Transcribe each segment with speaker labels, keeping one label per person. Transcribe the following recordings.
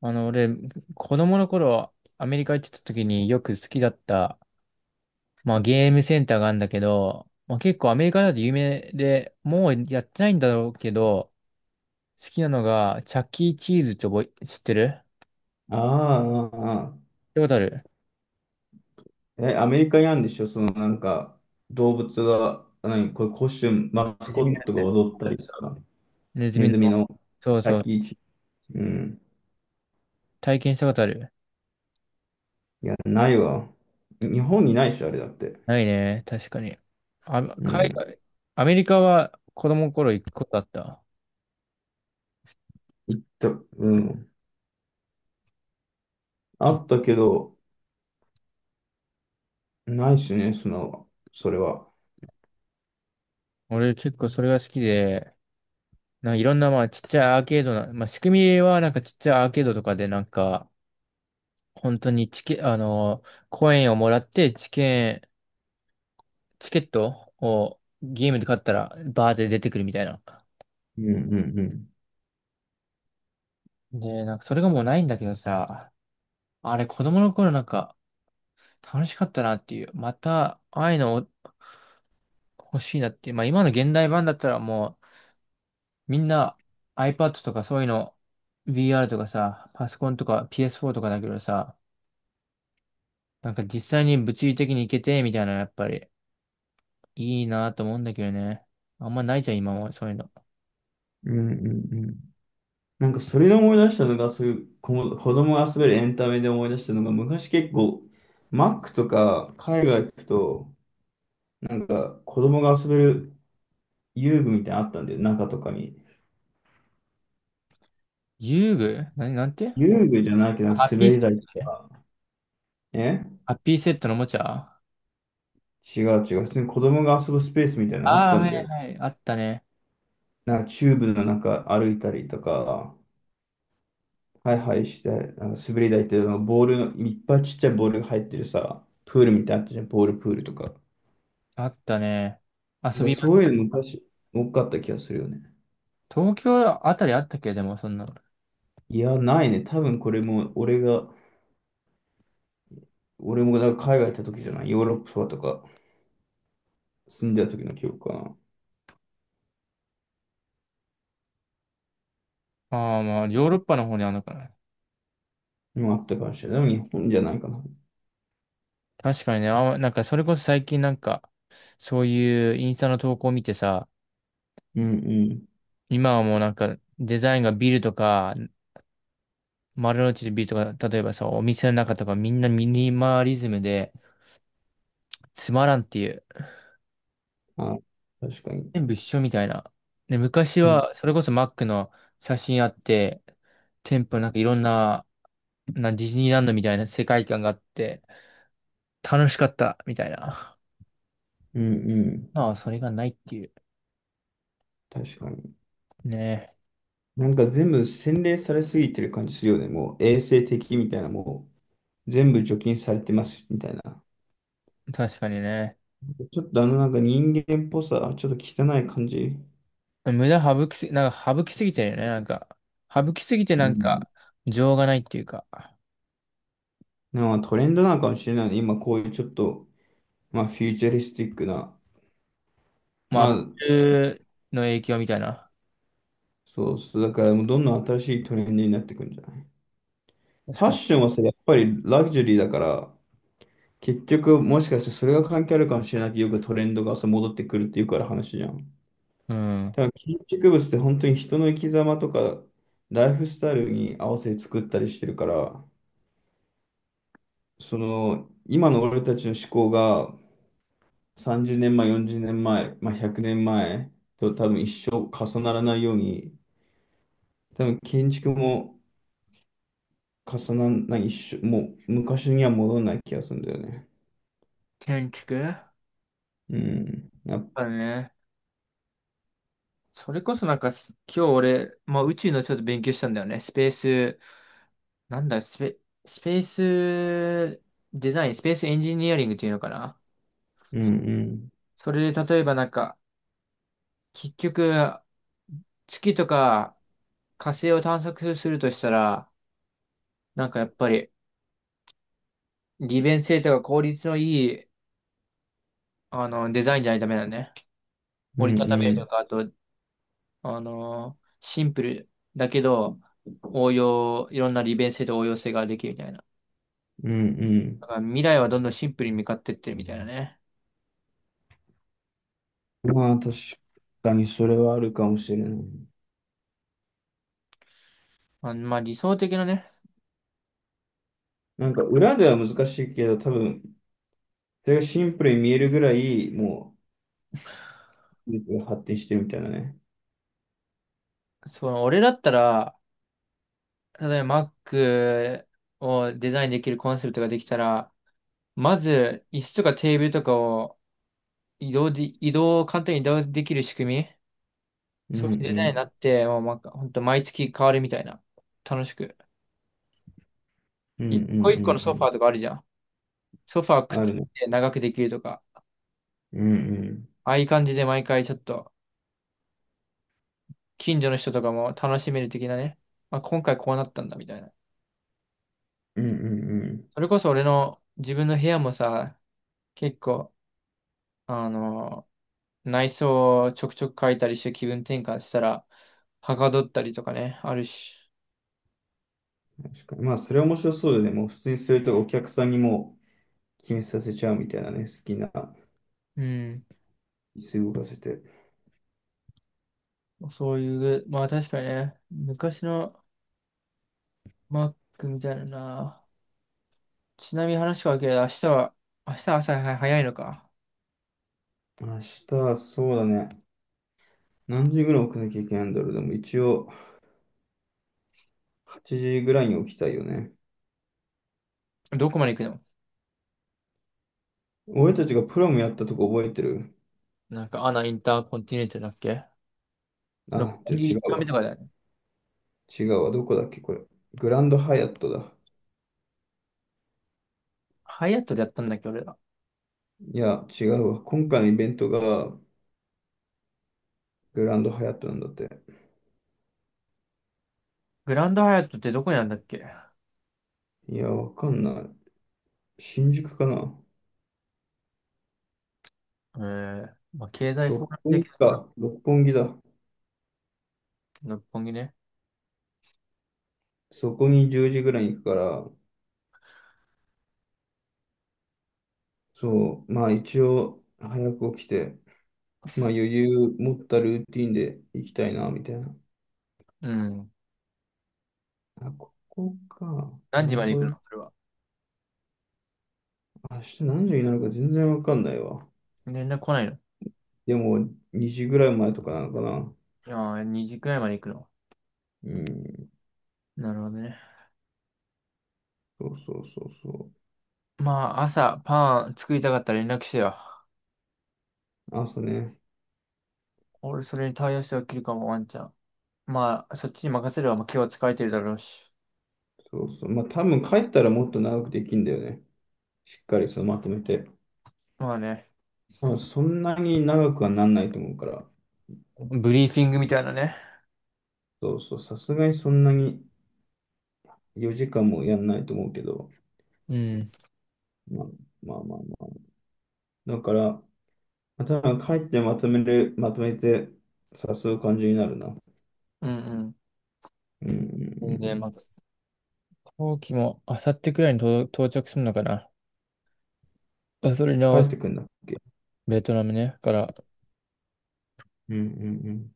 Speaker 1: 俺、子供の頃、アメリカ行ってた時によく好きだった、まあゲームセンターがあるんだけど、まあ結構アメリカだと有名で、もうやってないんだろうけど、好きなのが、チャッキーチーズって知ってる？
Speaker 2: ああああ。
Speaker 1: 聞いたことある？
Speaker 2: え、アメリカにあるんでしょ？そのなんか、動物が、何、これコスチューム、マス
Speaker 1: ネズ
Speaker 2: コ
Speaker 1: ミの
Speaker 2: ッ
Speaker 1: や
Speaker 2: トが
Speaker 1: つ。
Speaker 2: 踊ったりさ。
Speaker 1: ネズ
Speaker 2: ネ
Speaker 1: ミの。
Speaker 2: ズミの
Speaker 1: そうそう。
Speaker 2: 先位チ、うん。
Speaker 1: 体験したことある？
Speaker 2: いや、ないわ。日本にないし、あれだって。
Speaker 1: ないね。確かに。あ、
Speaker 2: うん。
Speaker 1: アメリカは子供の頃行くことあった。
Speaker 2: 行った、うん。あったけど、ないしね、その、それは。
Speaker 1: 俺結構それが好きで、なんかいろんな、まあ、ちっちゃいアーケードな、まあ、仕組みは、なんかちっちゃいアーケードとかで、なんか、本当にチケ、あの、コインをもらって、チケットをゲームで買ったら、バーって出てくるみたいな。
Speaker 2: うんうんうん。
Speaker 1: で、なんか、それがもうないんだけどさ、あれ、子供の頃なんか、楽しかったなっていう、また、ああいうの欲しいなっていう、まあ、今の現代版だったらもう、みんな iPad とかそういうの、VR とかさ、パソコンとか PS4 とかだけどさ、なんか実際に物理的に行けて、みたいな、やっぱり、いいなと思うんだけどね。あんまないじゃん、今は、そういうの。
Speaker 2: うんうんうん。なんか、それで思い出したのが、そういう子供が遊べるエンタメで思い出したのが、昔結構、マックとか海外行くと、なんか、子供が遊べる遊具みたいなのあったんだよ、中とかに。
Speaker 1: 遊具何、なんて？
Speaker 2: 遊具じゃないけど、なんか
Speaker 1: ハッピー
Speaker 2: 滑
Speaker 1: セッ
Speaker 2: り台と
Speaker 1: トね。
Speaker 2: か。え、
Speaker 1: ハッピーセットのおもちゃあ
Speaker 2: 違う違う。普通に子供が遊ぶスペースみたいなのがあっ
Speaker 1: あー、
Speaker 2: た
Speaker 1: は
Speaker 2: ん
Speaker 1: い
Speaker 2: だよ。
Speaker 1: はい。あったね。
Speaker 2: なんか、チューブの中歩いたりとか、ハイハイして、なんか滑り台っていうのがボールの、いっぱいちっちゃいボールが入ってるさ、プールみたいなのあったじゃん、ボールプールとか。だか
Speaker 1: あったね。遊
Speaker 2: ら
Speaker 1: びま
Speaker 2: そ
Speaker 1: し
Speaker 2: うい
Speaker 1: た。
Speaker 2: うの昔、多かった気がするよね。
Speaker 1: 東京あたりあったっけ？でも、そんなの。
Speaker 2: いや、ないね。多分これも、俺もだから海外行った時じゃない？ヨーロッパとか住んでた時の記憶かな。
Speaker 1: ああ、まあ、ヨーロッパの方にあるのかな。
Speaker 2: もあったかもしれない。でも日本じゃないかな。
Speaker 1: 確かにね、あ、なんか、それこそ最近なんか、そういうインスタの投稿を見てさ、
Speaker 2: うんうん。
Speaker 1: 今はもうなんか、デザインがビルとか、丸の内でビートが、例えばさ、お店の中とかみんなミニマリズムで、つまらんっていう。
Speaker 2: あ、確かに。
Speaker 1: 全部一緒みたいな。で、昔
Speaker 2: うん
Speaker 1: は、それこそマックの写真あって、店舗なんかいろんな、ディズニーランドみたいな世界観があって、楽しかった、みたいな。
Speaker 2: うんうん。
Speaker 1: まあ、それがないっていう。
Speaker 2: 確かに。
Speaker 1: ね
Speaker 2: なんか全部洗練されすぎてる感じするよね。もう衛生的みたいな、もう全部除菌されてますみたいな。
Speaker 1: え確かにね。
Speaker 2: ちょっとあのなんか人間っぽさ、ちょっと汚い感じ。
Speaker 1: 無駄省きすぎ、なんか省きすぎてるよね。なんか、省きすぎて
Speaker 2: う
Speaker 1: なん
Speaker 2: ん。
Speaker 1: か、情がないっていうか。
Speaker 2: なんかトレンドなのかもしれないね。今こういうちょっと、まあフューチャリスティックな、
Speaker 1: まあ、ア
Speaker 2: ま
Speaker 1: ッ
Speaker 2: あ、
Speaker 1: プルの影響みたいな。
Speaker 2: そうそう、だからもうどんどん新しいトレンドになってくるんじゃない？フ
Speaker 1: 確
Speaker 2: ァッ
Speaker 1: かに。
Speaker 2: ションはさ、やっぱりラグジュアリーだから、結局、もしかしてそれが関係あるかもしれないけど、よくトレンドがさ戻ってくるっていうから話じゃん。
Speaker 1: うん。
Speaker 2: ただ建築物って本当に人の生き様とか、ライフスタイルに合わせて作ったりしてるから、その、今の俺たちの思考が30年前、40年前、まあ、100年前と多分一生重ならないように、多分建築も重ならない、一生、もう昔には戻らない気がするんだよね。
Speaker 1: 建築
Speaker 2: うん。
Speaker 1: だね。それこそなんか今日俺、まあ宇宙のちょっと勉強したんだよね。スペース、なんだ、スペースデザイン、スペースエンジニアリングっていうのかな。
Speaker 2: うんうん。
Speaker 1: それで例えばなんか、結局、月とか火星を探索するとしたら、なんかやっぱり利便性とか効率のいい、デザインじゃないとダメだね。
Speaker 2: う
Speaker 1: 折
Speaker 2: ん
Speaker 1: りたため
Speaker 2: う
Speaker 1: ると
Speaker 2: ん。
Speaker 1: か、あとシンプルだけど、応用、いろんな利便性と応用性ができるみたいな。
Speaker 2: うんう
Speaker 1: だ
Speaker 2: ん。
Speaker 1: から未来はどんどんシンプルに向かってってるみたいなね。
Speaker 2: まあ、確かにそれはあるかもしれない。
Speaker 1: まあ、理想的なね、
Speaker 2: なんか、裏では難しいけど、多分、それがシンプルに見えるぐらい、もう、技術が発展してるみたいなね。
Speaker 1: 俺だったら、例えば Mac をデザインできるコンセプトができたら、まず椅子とかテーブルとかを移動を簡単に移動できる仕組み、
Speaker 2: うん
Speaker 1: そういうデ
Speaker 2: う
Speaker 1: ザインにな
Speaker 2: ん。
Speaker 1: って、もうほんと毎月変わるみたいな。楽しく。
Speaker 2: うん
Speaker 1: 一
Speaker 2: う
Speaker 1: 個一個
Speaker 2: ん
Speaker 1: の
Speaker 2: うんう
Speaker 1: ソファ
Speaker 2: ん。
Speaker 1: ーとかあるじゃん。ソファーくっつ
Speaker 2: あるね。
Speaker 1: けて長くできるとか。
Speaker 2: うんうん。
Speaker 1: ああいう感じで毎回ちょっと、近所の人とかも楽しめる的なね。まあ、今回こうなったんだ、みたいな。
Speaker 2: うんうんうん。
Speaker 1: それこそ俺の自分の部屋もさ、結構、あの、内装をちょくちょく変えたりして気分転換したら、はかどったりとかね、あるし。
Speaker 2: 確かに。まあ、それは面白そうだよね。もう、普通にそれとお客さんにもう決めさせちゃうみたいなね。好きな
Speaker 1: うん。
Speaker 2: 椅子動かせて。
Speaker 1: そういう、まあ確かにね、昔の Mac みたいなな。ちなみに話がわるけど、明日朝早いのか？
Speaker 2: 明日はそうだね。何時ぐらい起きなきゃいけないんだろう。でも、一応、8時ぐらいに起きたいよね。
Speaker 1: どこまで行くの？
Speaker 2: 俺たちがプロムやったとこ覚えてる？
Speaker 1: なんか、アナインターコンティネンタルだっけ？六
Speaker 2: あ、じゃ
Speaker 1: 本
Speaker 2: あ違う
Speaker 1: 木目
Speaker 2: わ。
Speaker 1: とかだよね？
Speaker 2: 違うわ。どこだっけ、これ。グランドハヤットだ。
Speaker 1: ハイアットでやったんだっけ、俺ら？
Speaker 2: いや、違うわ。今回のイベントがグランドハヤットなんだって。
Speaker 1: グランドハイアットってどこにあるんだっけ？
Speaker 2: いや、わかんない。新宿かな。
Speaker 1: まあ、経済フォ
Speaker 2: 六
Speaker 1: ーラム
Speaker 2: 本木
Speaker 1: 的な？
Speaker 2: か。六本木だ。
Speaker 1: 六本木ね。
Speaker 2: そこに10時ぐらいに行くから、そう、まあ一応早く起きて、まあ余裕持ったルーティンで行きたいな、みたいな。
Speaker 1: うん。
Speaker 2: あ、ここか。
Speaker 1: 何
Speaker 2: な
Speaker 1: 時
Speaker 2: る
Speaker 1: まで
Speaker 2: ほ
Speaker 1: 行く
Speaker 2: ど。
Speaker 1: のそれは？
Speaker 2: 明日何時になるか全然わかんないわ。
Speaker 1: 連絡来ないの？
Speaker 2: でも2時ぐらい前とかなのかな。
Speaker 1: ああー、2時くらいまで行くの？
Speaker 2: うん。
Speaker 1: なるほどね。
Speaker 2: そうそうそうそう。
Speaker 1: まあ、朝、パン作りたかったら連絡してよ。
Speaker 2: 朝ね。
Speaker 1: 俺、それに対応して起きるかも、ワンちゃん。まあ、そっちに任せれば、まあ、今日は疲れてるだろうし。
Speaker 2: そうそう。まあ多分帰ったらもっと長くできんだよね。しっかりそのまとめて。
Speaker 1: まあね、
Speaker 2: 多分そんなに長くはなんないと思うから。
Speaker 1: ブリーフィングみたいなね。
Speaker 2: そうそう。さすがにそんなに4時間もやんないと思うけど。
Speaker 1: うん。
Speaker 2: まあまあまあまあ。だから、まあ多分帰ってまとめる、まとめて誘う感じになるな。
Speaker 1: うん
Speaker 2: うんうん
Speaker 1: う
Speaker 2: う
Speaker 1: ん。で、まあ、
Speaker 2: ん。
Speaker 1: 飛行機も、あさってくらいに到着するのかな。あそれに合
Speaker 2: 帰
Speaker 1: わ
Speaker 2: っ
Speaker 1: せ、
Speaker 2: てくんだっけ？
Speaker 1: ベトナムね。から、
Speaker 2: うんうんうん。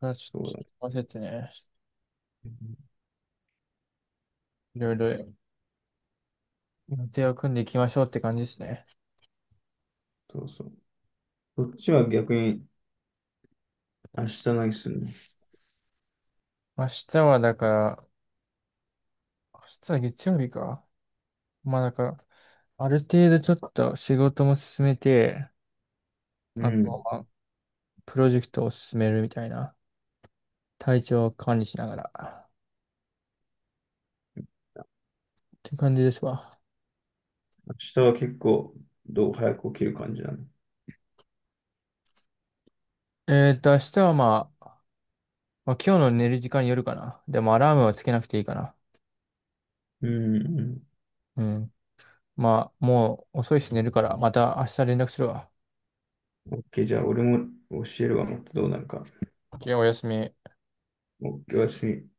Speaker 1: あ、ち
Speaker 2: そうだね。
Speaker 1: ょっと、焦っててね、いろいろ予定を組んでいきましょうって感じですね。
Speaker 2: そうそう。そっちは逆に明日何するの？
Speaker 1: 明日はだから、明日は月曜日か。まあだから、ある程度ちょっと仕事も進めて、
Speaker 2: う
Speaker 1: あと
Speaker 2: ん。
Speaker 1: はプロジェクトを進めるみたいな、体調を管理しながら、って感じですわ。
Speaker 2: 明日は結構、どう早く起きる感じなの？
Speaker 1: 明日はまあ、今日の寝る時間によるかな。でもアラームはつけなくていいかな。
Speaker 2: うん、う
Speaker 1: うん。まあ、もう遅いし寝るから、また明日連絡するわ。
Speaker 2: ん。OK、じゃあ俺も教えるわ、もっとどうなるか。
Speaker 1: OK、おやすみ。
Speaker 2: OK、おやすみ。